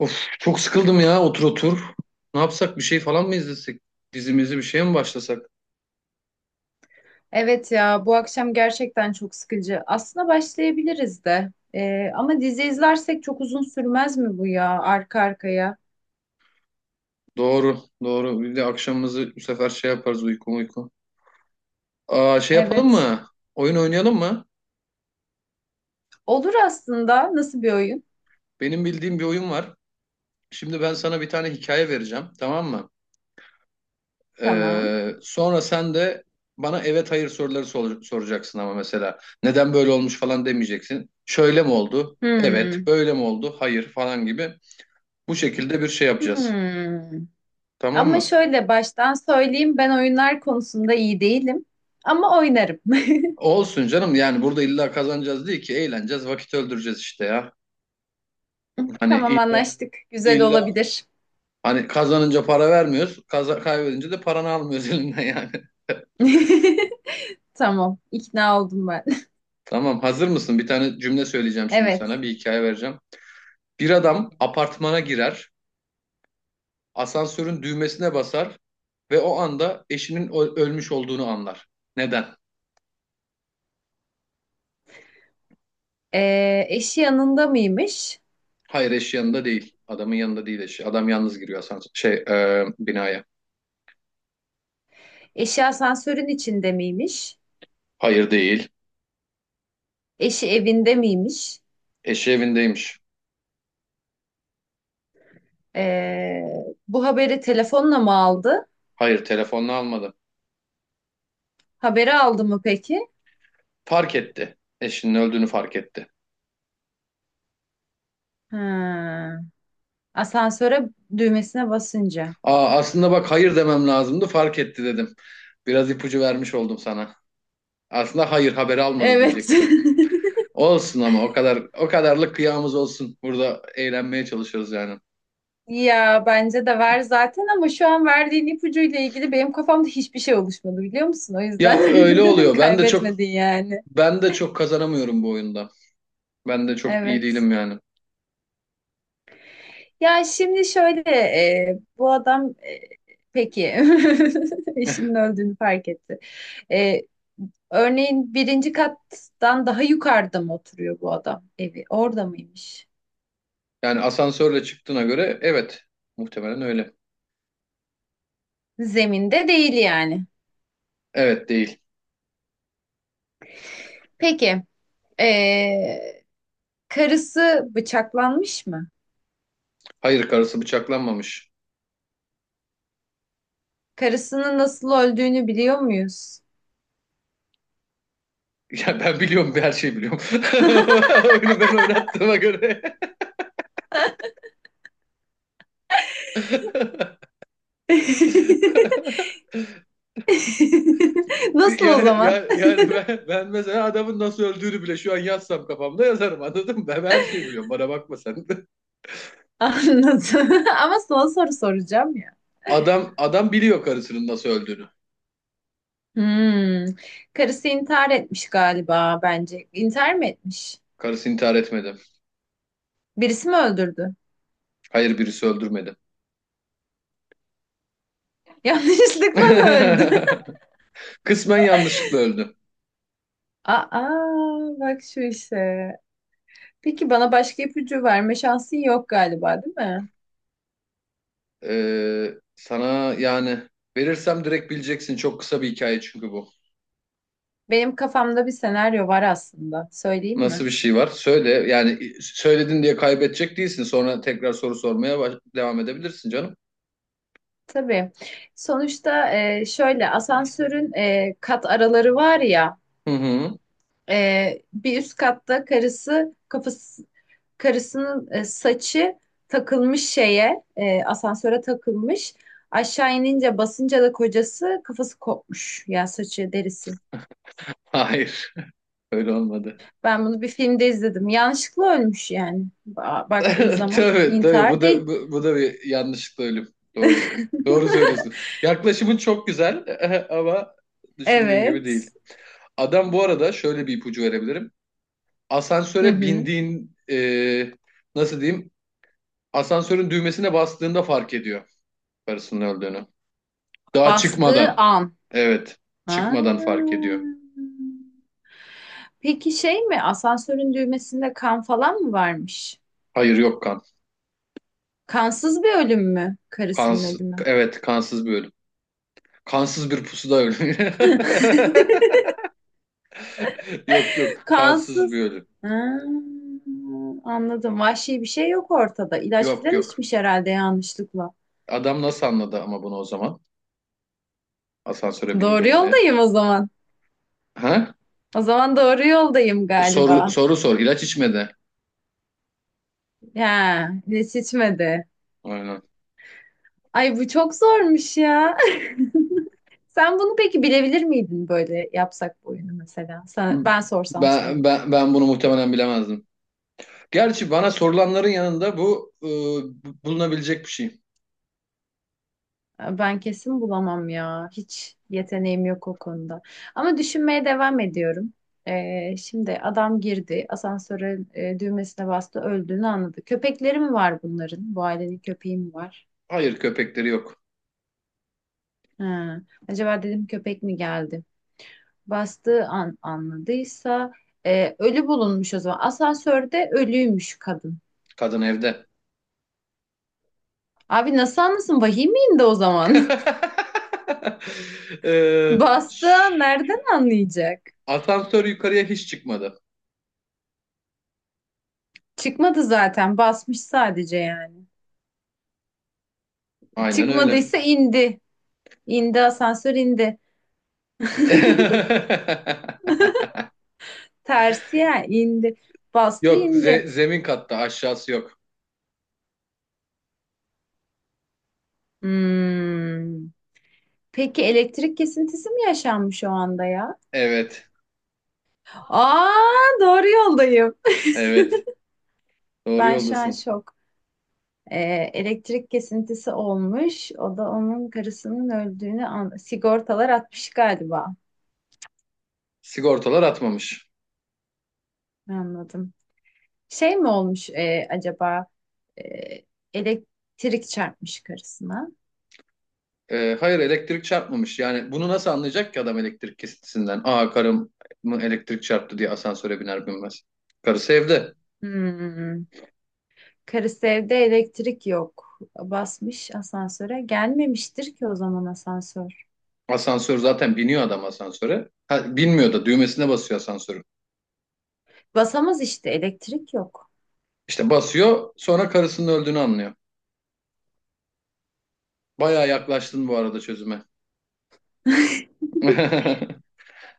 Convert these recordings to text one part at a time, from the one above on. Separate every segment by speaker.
Speaker 1: Of çok sıkıldım ya otur otur. Ne yapsak bir şey falan mı izlesek? Dizimizi bir şeye mi başlasak?
Speaker 2: Evet ya bu akşam gerçekten çok sıkıcı. Aslında başlayabiliriz de. Ama dizi izlersek çok uzun sürmez mi bu ya arka arkaya?
Speaker 1: Doğru doğru bir de akşamımızı bu sefer şey yaparız uyku uyku. Aa, şey yapalım
Speaker 2: Evet.
Speaker 1: mı? Oyun oynayalım mı?
Speaker 2: Olur aslında. Nasıl bir oyun?
Speaker 1: Benim bildiğim bir oyun var. Şimdi ben sana bir tane hikaye vereceğim tamam mı?
Speaker 2: Tamam.
Speaker 1: Sonra sen de bana evet hayır soruları soracaksın ama mesela. Neden böyle olmuş falan demeyeceksin. Şöyle mi oldu? Evet.
Speaker 2: Hmm.
Speaker 1: Böyle mi oldu? Hayır falan gibi. Bu şekilde bir şey yapacağız.
Speaker 2: Hmm.
Speaker 1: Tamam
Speaker 2: Ama
Speaker 1: mı?
Speaker 2: şöyle baştan söyleyeyim ben oyunlar konusunda iyi değilim. Ama oynarım.
Speaker 1: Olsun canım yani burada illa kazanacağız değil ki eğleneceğiz vakit öldüreceğiz işte ya. Hani
Speaker 2: Tamam,
Speaker 1: illa,
Speaker 2: anlaştık. Güzel
Speaker 1: illa
Speaker 2: olabilir.
Speaker 1: hani kazanınca para vermiyoruz kaybedince de paranı almıyoruz elinden yani.
Speaker 2: Tamam, ikna oldum ben.
Speaker 1: Tamam hazır mısın? Bir tane cümle söyleyeceğim şimdi
Speaker 2: Evet.
Speaker 1: sana bir hikaye vereceğim. Bir adam apartmana girer asansörün düğmesine basar ve o anda eşinin ölmüş olduğunu anlar. Neden?
Speaker 2: Eşi yanında mıymış?
Speaker 1: Hayır eşi yanında değil, adamın yanında değil eşi, adam yalnız giriyor asansör binaya.
Speaker 2: Eşi asansörün içinde miymiş?
Speaker 1: Hayır değil,
Speaker 2: Eşi evinde miymiş?
Speaker 1: eşi evindeymiş.
Speaker 2: Ee, Bu haberi telefonla mı aldı?
Speaker 1: Hayır telefonla almadı.
Speaker 2: Haberi aldı mı peki?
Speaker 1: Fark etti. Eşinin öldüğünü fark etti.
Speaker 2: Ha, asansöre düğmesine basınca.
Speaker 1: Aa, aslında bak hayır demem lazımdı, fark etti dedim. Biraz ipucu vermiş oldum sana. Aslında hayır haberi almadı
Speaker 2: Evet.
Speaker 1: diyecektim. Olsun ama o kadar o kadarlık kıyamız olsun. Burada eğlenmeye çalışıyoruz yani.
Speaker 2: Ya bence de ver zaten, ama şu an verdiğin ipucuyla ilgili benim kafamda hiçbir şey oluşmadı, biliyor musun? O
Speaker 1: Ya öyle
Speaker 2: yüzden
Speaker 1: oluyor. Ben de çok
Speaker 2: kaybetmedin yani.
Speaker 1: ben de çok kazanamıyorum bu oyunda. Ben de çok iyi
Speaker 2: Evet.
Speaker 1: değilim yani.
Speaker 2: Ya şimdi şöyle bu adam peki eşinin öldüğünü fark etti. E, Örneğin birinci kattan daha yukarıda mı oturuyor bu adam evi? Orada mıymış?
Speaker 1: Yani asansörle çıktığına göre evet, muhtemelen öyle.
Speaker 2: Zeminde değil yani.
Speaker 1: Evet değil.
Speaker 2: Peki, ee, karısı bıçaklanmış mı?
Speaker 1: Hayır karısı bıçaklanmamış.
Speaker 2: Karısının nasıl öldüğünü biliyor muyuz?
Speaker 1: Ya ben biliyorum, her şeyi biliyorum. Oyunu ben oynattığıma göre.
Speaker 2: Nasıl o
Speaker 1: Yani,
Speaker 2: zaman?
Speaker 1: yani, yani ben mesela adamın nasıl öldüğünü bile şu an yazsam kafamda yazarım, anladın mı? Ben her şeyi biliyorum. Bana bakma sen. de.
Speaker 2: Anladım. Ama son soru soracağım ya.
Speaker 1: Adam biliyor karısının nasıl öldüğünü.
Speaker 2: Hmm. Karısı intihar etmiş galiba bence. İntihar mı etmiş?
Speaker 1: Karısı intihar etmedi.
Speaker 2: Birisi mi öldürdü?
Speaker 1: Hayır birisi öldürmedi.
Speaker 2: Yanlışlıkla mı öldü?
Speaker 1: Kısmen yanlışlıkla öldü.
Speaker 2: Aa, bak şu işe. Peki bana başka ipucu verme şansın yok galiba, değil mi?
Speaker 1: Sana yani verirsem direkt bileceksin. Çok kısa bir hikaye çünkü bu.
Speaker 2: Benim kafamda bir senaryo var aslında. Söyleyeyim
Speaker 1: Nasıl
Speaker 2: mi?
Speaker 1: bir şey var? Söyle. Yani söyledin diye kaybedecek değilsin. Sonra tekrar soru sormaya devam edebilirsin canım.
Speaker 2: Tabii. Sonuçta şöyle asansörün kat araları var ya.
Speaker 1: Hı hı.
Speaker 2: Bir üst katta karısı kafası, karısının saçı takılmış şeye, asansöre takılmış. Aşağı inince, basınca da kocası kafası kopmuş. Ya saçı derisi.
Speaker 1: Hayır. Öyle olmadı.
Speaker 2: Ben bunu bir filmde izledim. Yanlışlıkla ölmüş yani. Baktığın zaman
Speaker 1: Tabii tabii, bu
Speaker 2: intihar
Speaker 1: da
Speaker 2: değil.
Speaker 1: bu da bir yanlışlıkla ölüm. Doğru. Doğru söylüyorsun. Yaklaşımın çok güzel ama düşündüğün gibi değil.
Speaker 2: Evet.
Speaker 1: Adam, bu arada şöyle bir ipucu verebilirim.
Speaker 2: Hı
Speaker 1: Asansöre
Speaker 2: hı.
Speaker 1: bindiğin nasıl diyeyim? Asansörün düğmesine bastığında fark ediyor karısının öldüğünü. Daha
Speaker 2: Bastığı
Speaker 1: çıkmadan.
Speaker 2: an.
Speaker 1: Evet.
Speaker 2: Ha.
Speaker 1: Çıkmadan fark ediyor.
Speaker 2: Peki şey mi? Asansörün düğmesinde kan falan mı varmış?
Speaker 1: Hayır, yok kan.
Speaker 2: Kansız bir ölüm mü? Karısının
Speaker 1: Kans,
Speaker 2: ölümü.
Speaker 1: evet, kansız bir ölüm. Kansız bir pusuda ölüm. Yok yok, kansız
Speaker 2: Kansız.
Speaker 1: bir ölüm.
Speaker 2: Ha, anladım. Vahşi bir şey yok ortada. İlaç
Speaker 1: Yok
Speaker 2: falan
Speaker 1: yok.
Speaker 2: içmiş herhalde yanlışlıkla.
Speaker 1: Adam nasıl anladı ama bunu o zaman? Asansöre
Speaker 2: Doğru
Speaker 1: bindiğinde.
Speaker 2: yoldayım o zaman.
Speaker 1: Ha?
Speaker 2: O zaman doğru yoldayım
Speaker 1: Soru
Speaker 2: galiba.
Speaker 1: soru sor. İlaç içmedi.
Speaker 2: Ya hiç içmedi.
Speaker 1: Aynen.
Speaker 2: Ay bu çok zormuş ya. Sen bunu peki bilebilir miydin, böyle yapsak bu oyunu mesela? Ben sorsam sana.
Speaker 1: Ben bunu muhtemelen bilemezdim. Gerçi bana sorulanların yanında bu bulunabilecek bir şey.
Speaker 2: Ben kesin bulamam ya. Hiç yeteneğim yok o konuda. Ama düşünmeye devam ediyorum. Şimdi adam girdi. Asansöre düğmesine bastı. Öldüğünü anladı. Köpekleri mi var bunların? Bu ailenin köpeği mi var?
Speaker 1: Hayır, köpekleri yok.
Speaker 2: Ha. Acaba dedim köpek mi geldi? Bastığı an anladıysa ölü bulunmuş o zaman. Asansörde ölüymüş kadın.
Speaker 1: Kadın evde.
Speaker 2: Abi nasıl anlasın? Vahim de o zaman.
Speaker 1: E,
Speaker 2: Bastığı an nereden anlayacak?
Speaker 1: asansör yukarıya hiç çıkmadı.
Speaker 2: Çıkmadı zaten. Basmış sadece yani.
Speaker 1: Aynen öyle.
Speaker 2: Çıkmadıysa indi. İndi, asansör indi. Tersi ya, indi. Bastı,
Speaker 1: Yok,
Speaker 2: indi.
Speaker 1: zemin katta aşağısı yok.
Speaker 2: Hmm. Peki elektrik kesintisi mi yaşanmış o anda ya?
Speaker 1: Evet.
Speaker 2: Aa, doğru yoldayım.
Speaker 1: Evet. Doğru
Speaker 2: Ben şu an
Speaker 1: yoldasın.
Speaker 2: şok. E, Elektrik kesintisi olmuş. O da onun karısının öldüğünü an sigortalar atmış galiba.
Speaker 1: Sigortalar atmamış.
Speaker 2: Anladım. Şey mi olmuş acaba E, elektrik çarpmış karısına?
Speaker 1: Hayır, elektrik çarpmamış. Yani bunu nasıl anlayacak ki adam elektrik kesintisinden? Aa, karım mı elektrik çarptı diye asansöre biner binmez. Karısı evde.
Speaker 2: Hmm. Karısı evde, elektrik yok. Basmış asansöre. Gelmemiştir ki o zaman asansör.
Speaker 1: Asansör zaten, biniyor adam asansöre. Ha, binmiyor da düğmesine basıyor asansörün.
Speaker 2: Basamaz işte, elektrik yok.
Speaker 1: İşte basıyor sonra karısının öldüğünü anlıyor. Bayağı yaklaştın bu arada çözüme.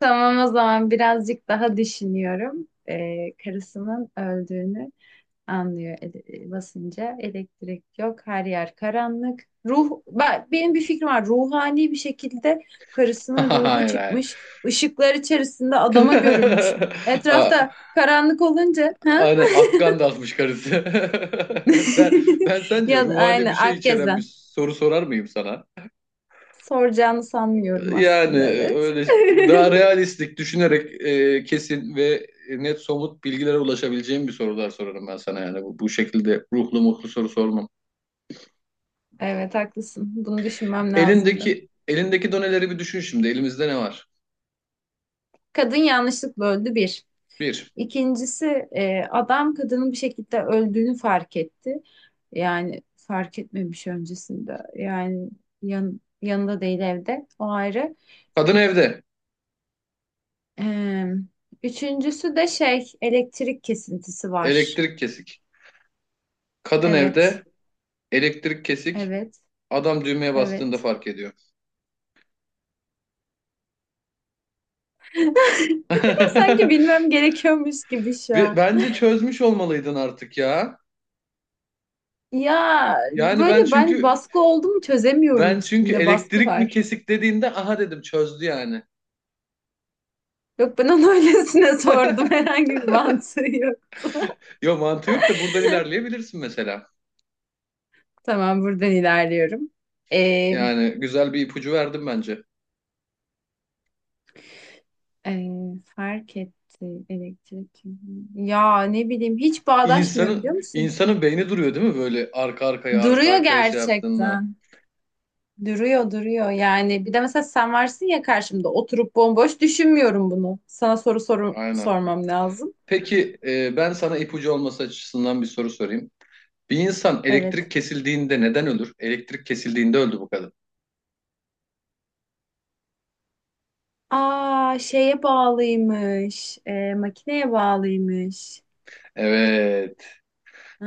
Speaker 2: Tamam o zaman birazcık daha düşünüyorum. Karısının öldüğünü anlıyor basınca. Elektrik yok, her yer karanlık. Benim bir fikrim var. Ruhani bir şekilde karısının ruhu
Speaker 1: Hayır hayır.
Speaker 2: çıkmış, ışıklar içerisinde adama görünmüş.
Speaker 1: Aa,
Speaker 2: Etrafta karanlık olunca, ha?
Speaker 1: aynen Akkan da atmış karısı. Ben, ben sence
Speaker 2: Ya
Speaker 1: ruhani bir
Speaker 2: aynı
Speaker 1: şey içeren bir
Speaker 2: Akgezen.
Speaker 1: soru sorar mıyım sana?
Speaker 2: Soracağını sanmıyorum aslında, evet.
Speaker 1: Öyle daha realistik düşünerek kesin ve net somut bilgilere ulaşabileceğim bir sorular sorarım ben sana yani, bu şekilde ruhlu mutlu soru sormam.
Speaker 2: Evet haklısın. Bunu düşünmem lazımdı.
Speaker 1: Elindeki doneleri bir düşün şimdi. Elimizde ne var?
Speaker 2: Kadın yanlışlıkla öldü, bir.
Speaker 1: Bir.
Speaker 2: İkincisi, adam kadının bir şekilde öldüğünü fark etti. Yani fark etmemiş öncesinde. Yani yanında değil, evde. O ayrı.
Speaker 1: Kadın evde.
Speaker 2: E, Üçüncüsü de şey, elektrik kesintisi var.
Speaker 1: Elektrik kesik. Kadın
Speaker 2: Evet.
Speaker 1: evde. Elektrik kesik.
Speaker 2: Evet.
Speaker 1: Adam düğmeye bastığında
Speaker 2: Evet.
Speaker 1: fark ediyor.
Speaker 2: Sanki bilmem gerekiyormuş gibi şu
Speaker 1: Ve
Speaker 2: an.
Speaker 1: bence çözmüş olmalıydın artık ya.
Speaker 2: Ya
Speaker 1: Yani ben
Speaker 2: böyle ben
Speaker 1: çünkü
Speaker 2: baskı oldu mu çözemiyorum,
Speaker 1: ben çünkü
Speaker 2: üstümde baskı
Speaker 1: elektrik mi
Speaker 2: var.
Speaker 1: kesik dediğinde aha dedim, çözdü yani.
Speaker 2: Yok, ben onu öylesine sordum, herhangi bir mantığı yoktu.
Speaker 1: Yo, mantığı yok da buradan ilerleyebilirsin mesela.
Speaker 2: Tamam, buradan ilerliyorum. Ee,
Speaker 1: Yani güzel bir ipucu verdim bence.
Speaker 2: e, Fark etti elektrik. Ya ne bileyim, hiç bağdaşmıyor,
Speaker 1: İnsanın
Speaker 2: biliyor musun?
Speaker 1: insanın beyni duruyor değil mi böyle arka arkaya arka
Speaker 2: Duruyor
Speaker 1: arkaya şey yaptığında.
Speaker 2: gerçekten. Duruyor, duruyor yani. Bir de mesela sen varsın ya karşımda, oturup bomboş düşünmüyorum bunu. Sana soru
Speaker 1: Aynen.
Speaker 2: sormam lazım.
Speaker 1: Peki ben sana ipucu olması açısından bir soru sorayım. Bir insan
Speaker 2: Evet.
Speaker 1: elektrik kesildiğinde neden ölür? Elektrik kesildiğinde öldü bu kadın.
Speaker 2: Aa, şeye bağlıymış. Makineye bağlıymış.
Speaker 1: Evet.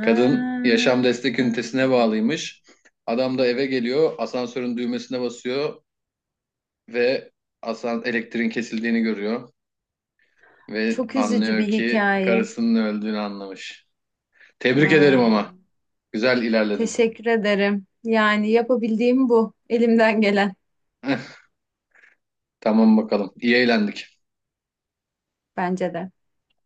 Speaker 1: Kadın yaşam destek ünitesine bağlıymış. Adam da eve geliyor, asansörün düğmesine basıyor ve elektriğin kesildiğini görüyor ve
Speaker 2: çok üzücü bir
Speaker 1: anlıyor ki
Speaker 2: hikaye.
Speaker 1: karısının öldüğünü anlamış. Tebrik ederim ama.
Speaker 2: Aa.
Speaker 1: Güzel ilerledin.
Speaker 2: Teşekkür ederim. Yani yapabildiğim bu. Elimden gelen
Speaker 1: Tamam bakalım. İyi eğlendik.
Speaker 2: bence de.